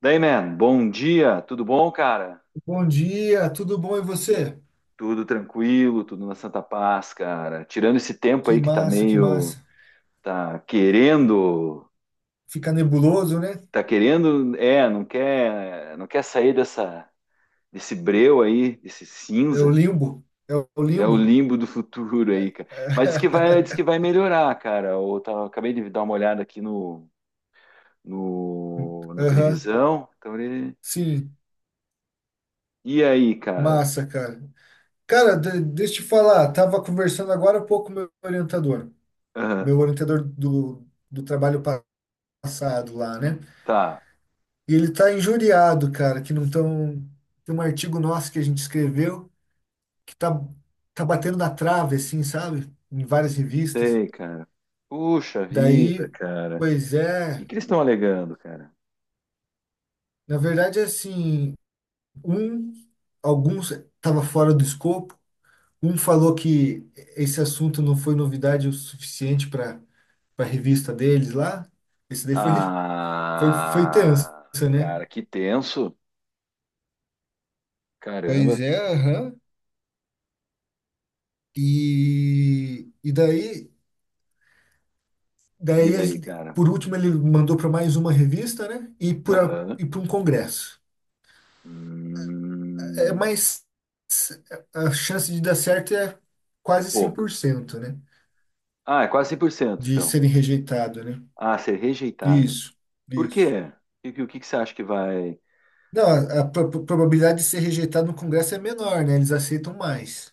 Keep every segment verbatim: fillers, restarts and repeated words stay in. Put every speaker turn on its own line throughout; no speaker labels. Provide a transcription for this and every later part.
Daí, man, bom dia, tudo bom, cara?
Bom dia, tudo bom e você?
Tudo tranquilo, tudo na Santa Paz, cara. Tirando esse tempo
Que
aí que tá
massa, que
meio,
massa.
tá querendo,
Fica nebuloso, né?
tá querendo, é, não quer, não quer sair dessa, desse breu aí, desse
É o
cinza.
limbo, é o
É o
limbo.
limbo do futuro aí, cara. Mas diz que vai, diz que vai melhorar, cara. Eu tava- acabei de dar uma olhada aqui no, no, na
Aham,
previsão. Então, ele-
sim,
e aí, cara?
massa, cara. Cara, de- deixa eu te falar, tava conversando agora há pouco com meu orientador,
Aham,
meu orientador do, do, trabalho pa- passado lá, né?
tá.
E ele tá injuriado, cara, que não tão... Tem um artigo nosso que a gente escreveu que tá, tá batendo na trave, assim, sabe? Em várias revistas.
Sei, cara. Puxa vida,
Daí,
cara.
pois
O
é,
que que eles estão alegando, cara?
na verdade, assim, um, alguns estava fora do escopo, um falou que esse assunto não foi novidade o suficiente para a revista deles lá. Esse daí foi, foi, foi tenso,
Ah,
né?
cara, que tenso. Caramba.
Pois é, aham. E, e daí,
E
daí, a
daí,
gente-
cara?
por último, ele mandou para mais uma revista, né? E para
Aham.
e para um congresso. É,
Hum,
mas é, a chance de dar certo é
é
quase cem
pouco.
por cento né?
Ah, é quase cem por cento
De
então.
serem rejeitado, né?
Ah, ser rejeitado.
Isso,
Por
isso.
quê? O que, o que que você acha que vai...
Não, a, a pro- pro- probabilidade de ser rejeitado no congresso é menor, né? Eles aceitam mais.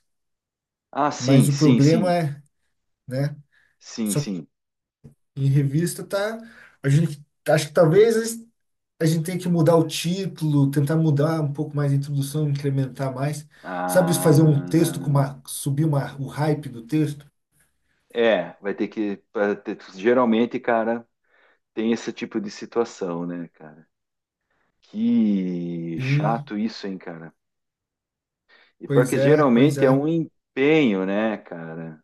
Ah, sim,
Mas o
sim,
problema
sim.
é, né?
Sim,
Só que
sim.
em revista tá. A gente acho que talvez a gente tenha que mudar o título, tentar mudar um pouco mais a introdução, incrementar mais. Sabe,
Ah,
fazer um texto com uma, subir uma, o hype do texto?
é, vai ter que... pra ter- Geralmente, cara, tem esse tipo de situação, né, cara. Que
Sim,
chato isso, hein, cara? E pior
pois
que
é, pois
geralmente é
é.
um empenho, né, cara?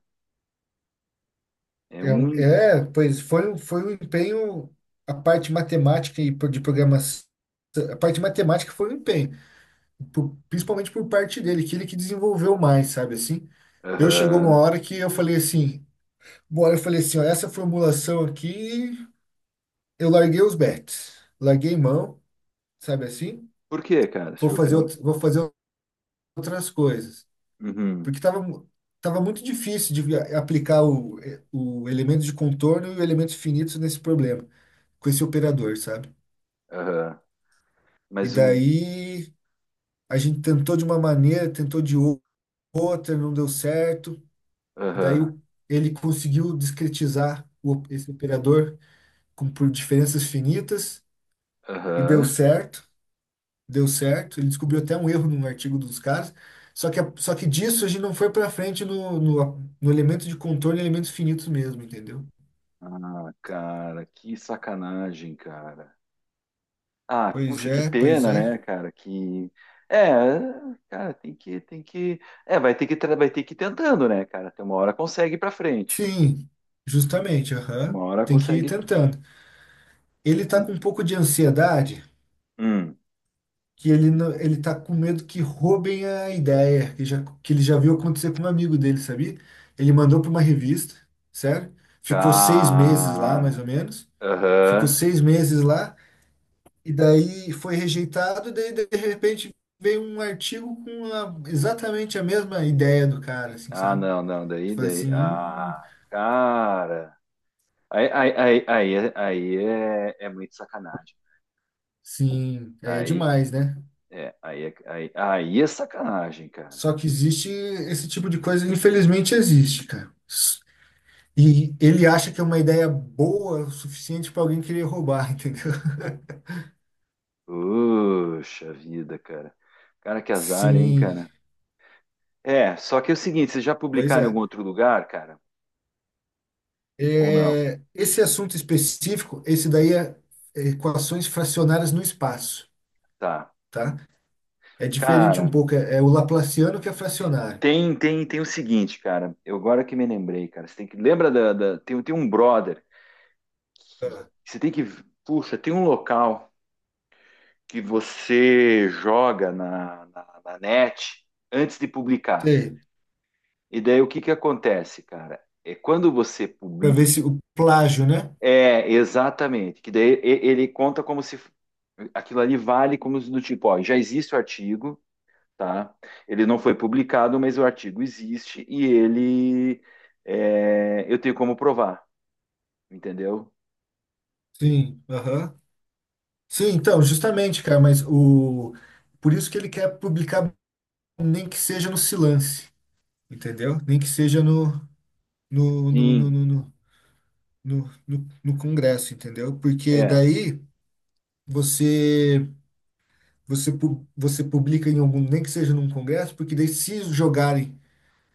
É
É,
um.
um-
em-
é, pois foi, um- foi um empenho, a parte matemática e pro- de programação, a parte matemática foi um empenho, por- principalmente por parte dele, que ele que desenvolveu mais, sabe assim? Eu chegou uma
Aham.
hora que eu falei assim, bora, eu falei assim, ó, essa formulação aqui, eu larguei os bets, larguei mão, sabe assim?
Por quê, cara? Você
Vou
achou que
fazer,
era. um-
out- vou fazer outras coisas,
Uhum.
porque tava, mu- tava muito difícil de vi- aplicar o, o, elemento de contorno e o elemento finito nesse problema, com esse operador, sabe?
Aham.
E
Mas o.
daí a gente tentou de uma maneira, tentou de ou- outra, não deu certo. Daí
Aham.
o- ele conseguiu discretizar o- op- esse operador com, por diferenças finitas e deu
Aham.
certo, deu certo. Ele descobriu até um erro num artigo dos caras. Só que, a- só que disso a gente não foi para frente no, no, no elemento de contorno e elementos finitos mesmo, entendeu?
Ah, cara, que sacanagem, cara. Ah,
Pois
puxa, que
é, pois
pena,
é.
né, cara? Que. É, cara, tem que, tem que. É, vai ter que, tra- vai ter que ir tentando, né, cara? Tem uma hora consegue ir pra frente.
Sim, justamente,
Uma
aham.
hora
Tem que ir
consegue.
tentando. Ele tá com
Hum,
um pouco de ansiedade,
hum,
que ele não- ele tá com medo que roubem a ideia, que, já, que ele já viu acontecer com um amigo dele, sabia? Ele mandou para uma revista, sério? Ficou seis meses lá, mais
cara.
ou menos. Ficou
Aham.
seis meses lá, e daí foi rejeitado, daí de repente veio um artigo com a- exatamente a mesma ideia do cara, assim,
Ah,
sabe?
não, não,
Eu
daí,
falei assim,
daí.
"Hum,
Ah, cara. Aí, aí, aí, aí, é, aí é, é muito sacanagem.
sim, aí é
Aí
demais, né?"
é, aí é, aí, aí é sacanagem, cara.
Só que existe esse tipo de coisa, infelizmente existe, cara. E ele acha que é uma ideia boa o suficiente para alguém querer roubar, entendeu?
Puxa vida, cara. Cara, que azar, hein,
Sim,
cara. É, só que é o seguinte, vocês já
pois
publicaram em algum
é.
outro lugar, cara? Ou não?
É, esse assunto específico, esse daí é, é equações fracionárias no espaço,
Tá.
tá? É diferente um
Cara,
pouco, é, é o laplaciano que é fracionário.
tem, tem, tem o seguinte, cara. Eu agora que me lembrei, cara. Você tem que. Lembra da, da- tem, tem um brother. Que- que
Ah,
Você tem que. Puxa, tem um local que você joga na, na, na net antes de publicar.
sei,
E daí o que que acontece, cara? É quando você
para ver
publica.
se o plágio, né?
É, exatamente. Que daí e- ele conta como se f- aquilo ali vale como se do tipo, ó, já existe o artigo, tá? Ele não foi publicado, mas o artigo existe e ele é, eu tenho como provar, entendeu?
Sim, aham. Sim, então, justamente, cara, mas o por isso que ele quer publicar nem que seja no Silance, entendeu? Nem que seja no no, no,
Sim,
no, no- no, no, no congresso, entendeu? Porque
é.
daí você você pu- você publica em algum, nem que seja num congresso, porque daí se jogarem,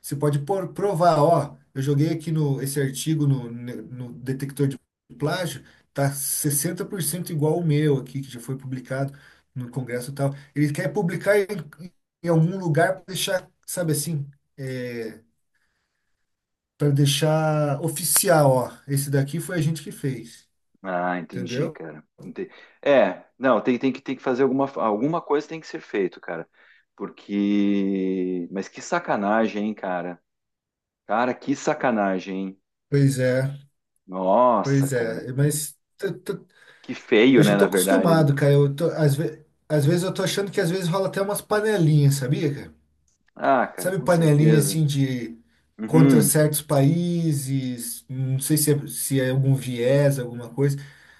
você pode por, provar, ó, eu joguei aqui no esse artigo no, no detector de plágio, tá sessenta por cento igual o meu aqui que já foi publicado no congresso e tal. Ele quer publicar em, em algum lugar para deixar, sabe assim, é, para deixar oficial, ó, esse daqui foi a gente que fez,
Ah, entendi,
entendeu?
cara. Ente- É, não, tem, tem que, tem que fazer alguma, alguma coisa tem que ser feito, cara. Porque. Mas que sacanagem, hein, cara? Cara, que sacanagem, hein?
Pois é.
Nossa,
Pois
cara.
é, mas t- t-
Que
eu
feio, né,
já
na
tô
verdade, né?
acostumado, cara. Eu tô, às ve- às vezes eu tô achando que às vezes rola até umas panelinhas, sabia, cara?
Ah, cara,
Sabe
com
panelinha
certeza.
assim de contra
Uhum.
certos países, não sei se é, se é algum viés, alguma coisa.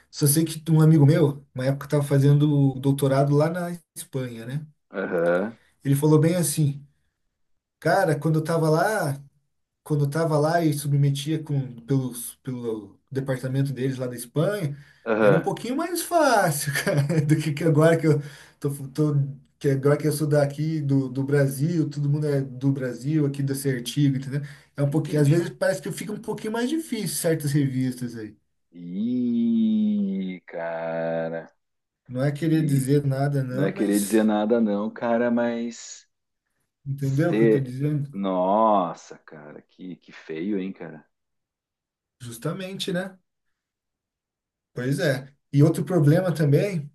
Só sei que um amigo meu, uma época estava fazendo doutorado lá na Espanha, né?
Aham.
Ele falou bem assim, cara, quando eu tava lá, quando eu estava lá e submetia com, pelos, pelo departamento deles lá da Espanha, era um
Aham.
pouquinho mais fácil, cara, do que, que agora que eu tô, tô- que agora que eu sou daqui do, do Brasil, todo mundo é do Brasil, aqui desse artigo, entendeu? É um pouquinho, às
Entendi.
vezes parece que fica um pouquinho mais difícil certas revistas aí.
Ih, cara.
Não é querer
Que.
dizer nada,
Não é
não,
querer dizer
mas
nada, não, cara, mas.
entendeu o que eu estou
Cê...
dizendo?
Nossa, cara, que, que feio, hein, cara?
Justamente, né? Pois é. E outro problema também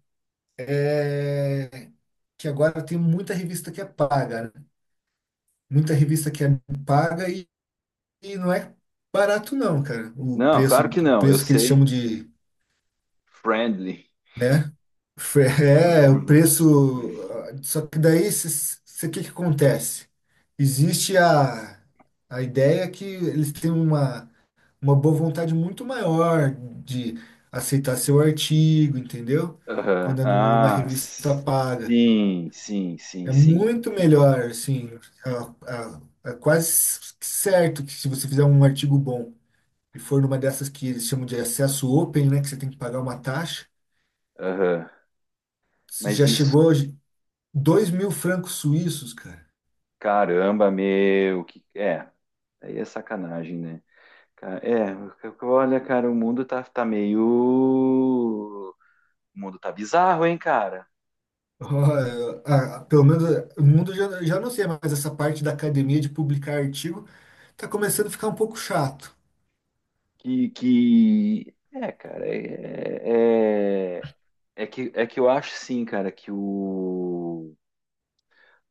é que agora tem muita revista que é paga, né? Muita revista que é paga e, e não é barato não, cara. O
Não,
preço,
claro que
o
não, eu
preço que eles
sei.
chamam de,
Friendly.
né? Fre- É, o preço. ah, Só que daí, o que que acontece? Existe a, a, ideia que eles têm uma, uma boa vontade muito maior de aceitar seu artigo, entendeu?
Aham.
Quando é numa
Ah,
revista paga.
sim, sim, sim,
É
sim.
muito melhor, assim, a- a- é quase certo que se você fizer um artigo bom e for numa dessas que eles chamam de acesso open, né, que você tem que pagar uma taxa,
Aham. Mas
já
isso,
chegou dois mil francos suíços, cara.
caramba, meu, que é, aí é sacanagem, né? Ca- É, olha, cara, o mundo tá, tá meio. O mundo tá bizarro, hein, cara?
Ó, a- a- pelo menos o mundo já, já não sei, mas essa parte da academia de publicar artigo tá começando a ficar um pouco chato.
Que, que... É, cara, é... é- É que, é que eu acho sim, cara, que o,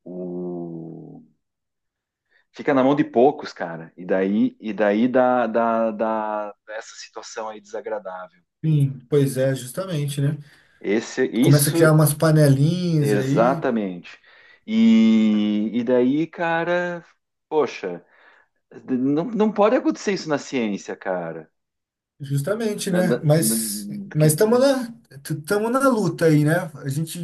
o- fica na mão de poucos, cara. E daí, e daí dá, dá, dá essa situação aí desagradável.
Sim, pois é, justamente, né?
Esse,
Começa a criar
isso,
umas panelinhas aí.
exatamente. E, e daí, cara, poxa, não, não pode acontecer isso na ciência, cara.
Justamente,
Na-
né?
na-
Mas
na-
mas estamos
que-
na estamos na luta aí, né? A gente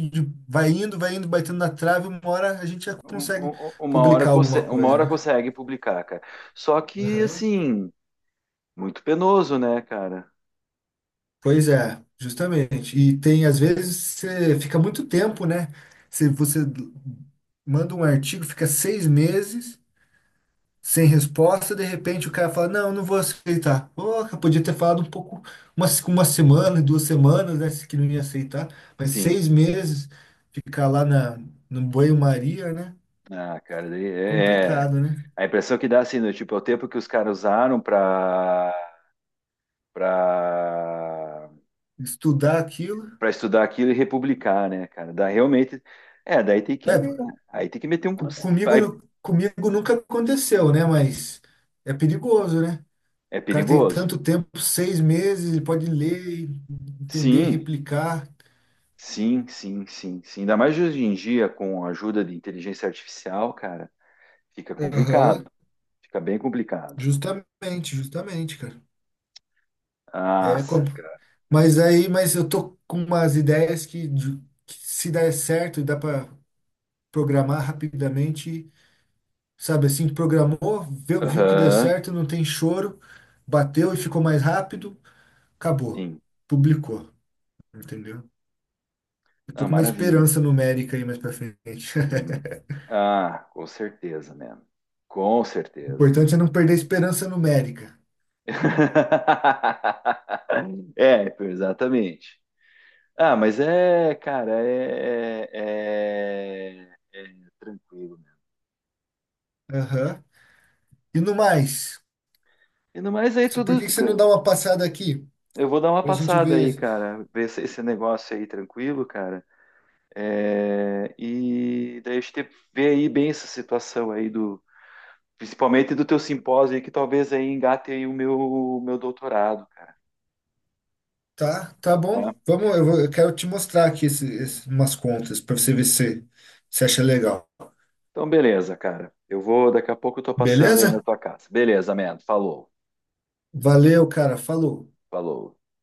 vai indo, vai indo, batendo na trave, uma hora a gente já
um-
consegue
um- uma hora
publicar alguma
consegue, uma
coisa,
hora
né?
consegue publicar, cara. Só que,
Aham.
assim, muito penoso, né, cara?
Pois é, justamente. E tem às vezes você fica muito tempo, né? Se você manda um artigo, fica seis meses sem resposta, de repente o cara fala, não, não vou aceitar. Pô, eu podia ter falado um pouco, uma, uma semana, duas semanas, né, que não ia aceitar, mas
Sim.
seis meses, ficar lá na, no banho-maria, né?
Ah, cara, daí é, é-
Complicado, né?
a impressão que dá, assim, do tipo, é o tempo que os caras usaram pra, para
Estudar aquilo.
para estudar aquilo e republicar, né, cara? Dá realmente. É, daí tem que,
É,
me- aí tem que meter um
co-
processo.
comigo, nu- comigo nunca aconteceu, né? Mas é perigoso, né?
É
O cara tem
perigoso?
tanto tempo, seis meses, ele pode ler, entender,
Sim,
replicar.
sim, sim, sim, sim. Ainda mais hoje em dia, com a ajuda de inteligência artificial, cara, fica complicado.
Aham,
Fica bem complicado.
justamente, justamente, cara. É
Nossa,
como
cara.
Mas aí, mas eu tô com umas ideias que, de- que se der certo, dá para programar rapidamente, sabe assim, programou, viu, viu que deu
Aham,
certo, não tem choro, bateu e ficou mais rápido, acabou,
sim.
publicou, entendeu? Eu tô
Ah,
com uma
maravilha.
esperança numérica aí mais para frente.
Hum, Ah, com certeza, man. Com
O
certeza.
importante é não perder a esperança numérica.
É, exatamente. Ah, mas é, cara, é, é- é tranquilo, né?
Aham. E no mais,
E no mais aí tudo.
por que que você não dá uma passada aqui
Eu vou dar uma
pra gente
passada aí,
ver?
cara, ver se- esse negócio aí tranquilo, cara. É, e daí a gente vê aí bem essa situação aí do, principalmente do teu simpósio aí, que talvez aí engate aí o meu, meu doutorado, cara.
Tá, tá bom. Vamos, eu, vou- eu quero te mostrar aqui esse, esse- umas contas para você ver se você acha legal.
Então, beleza, cara. Eu vou, daqui a pouco eu tô passando aí na
Beleza?
tua casa. Beleza, man. Falou,
Valeu, cara. Falou.
falou.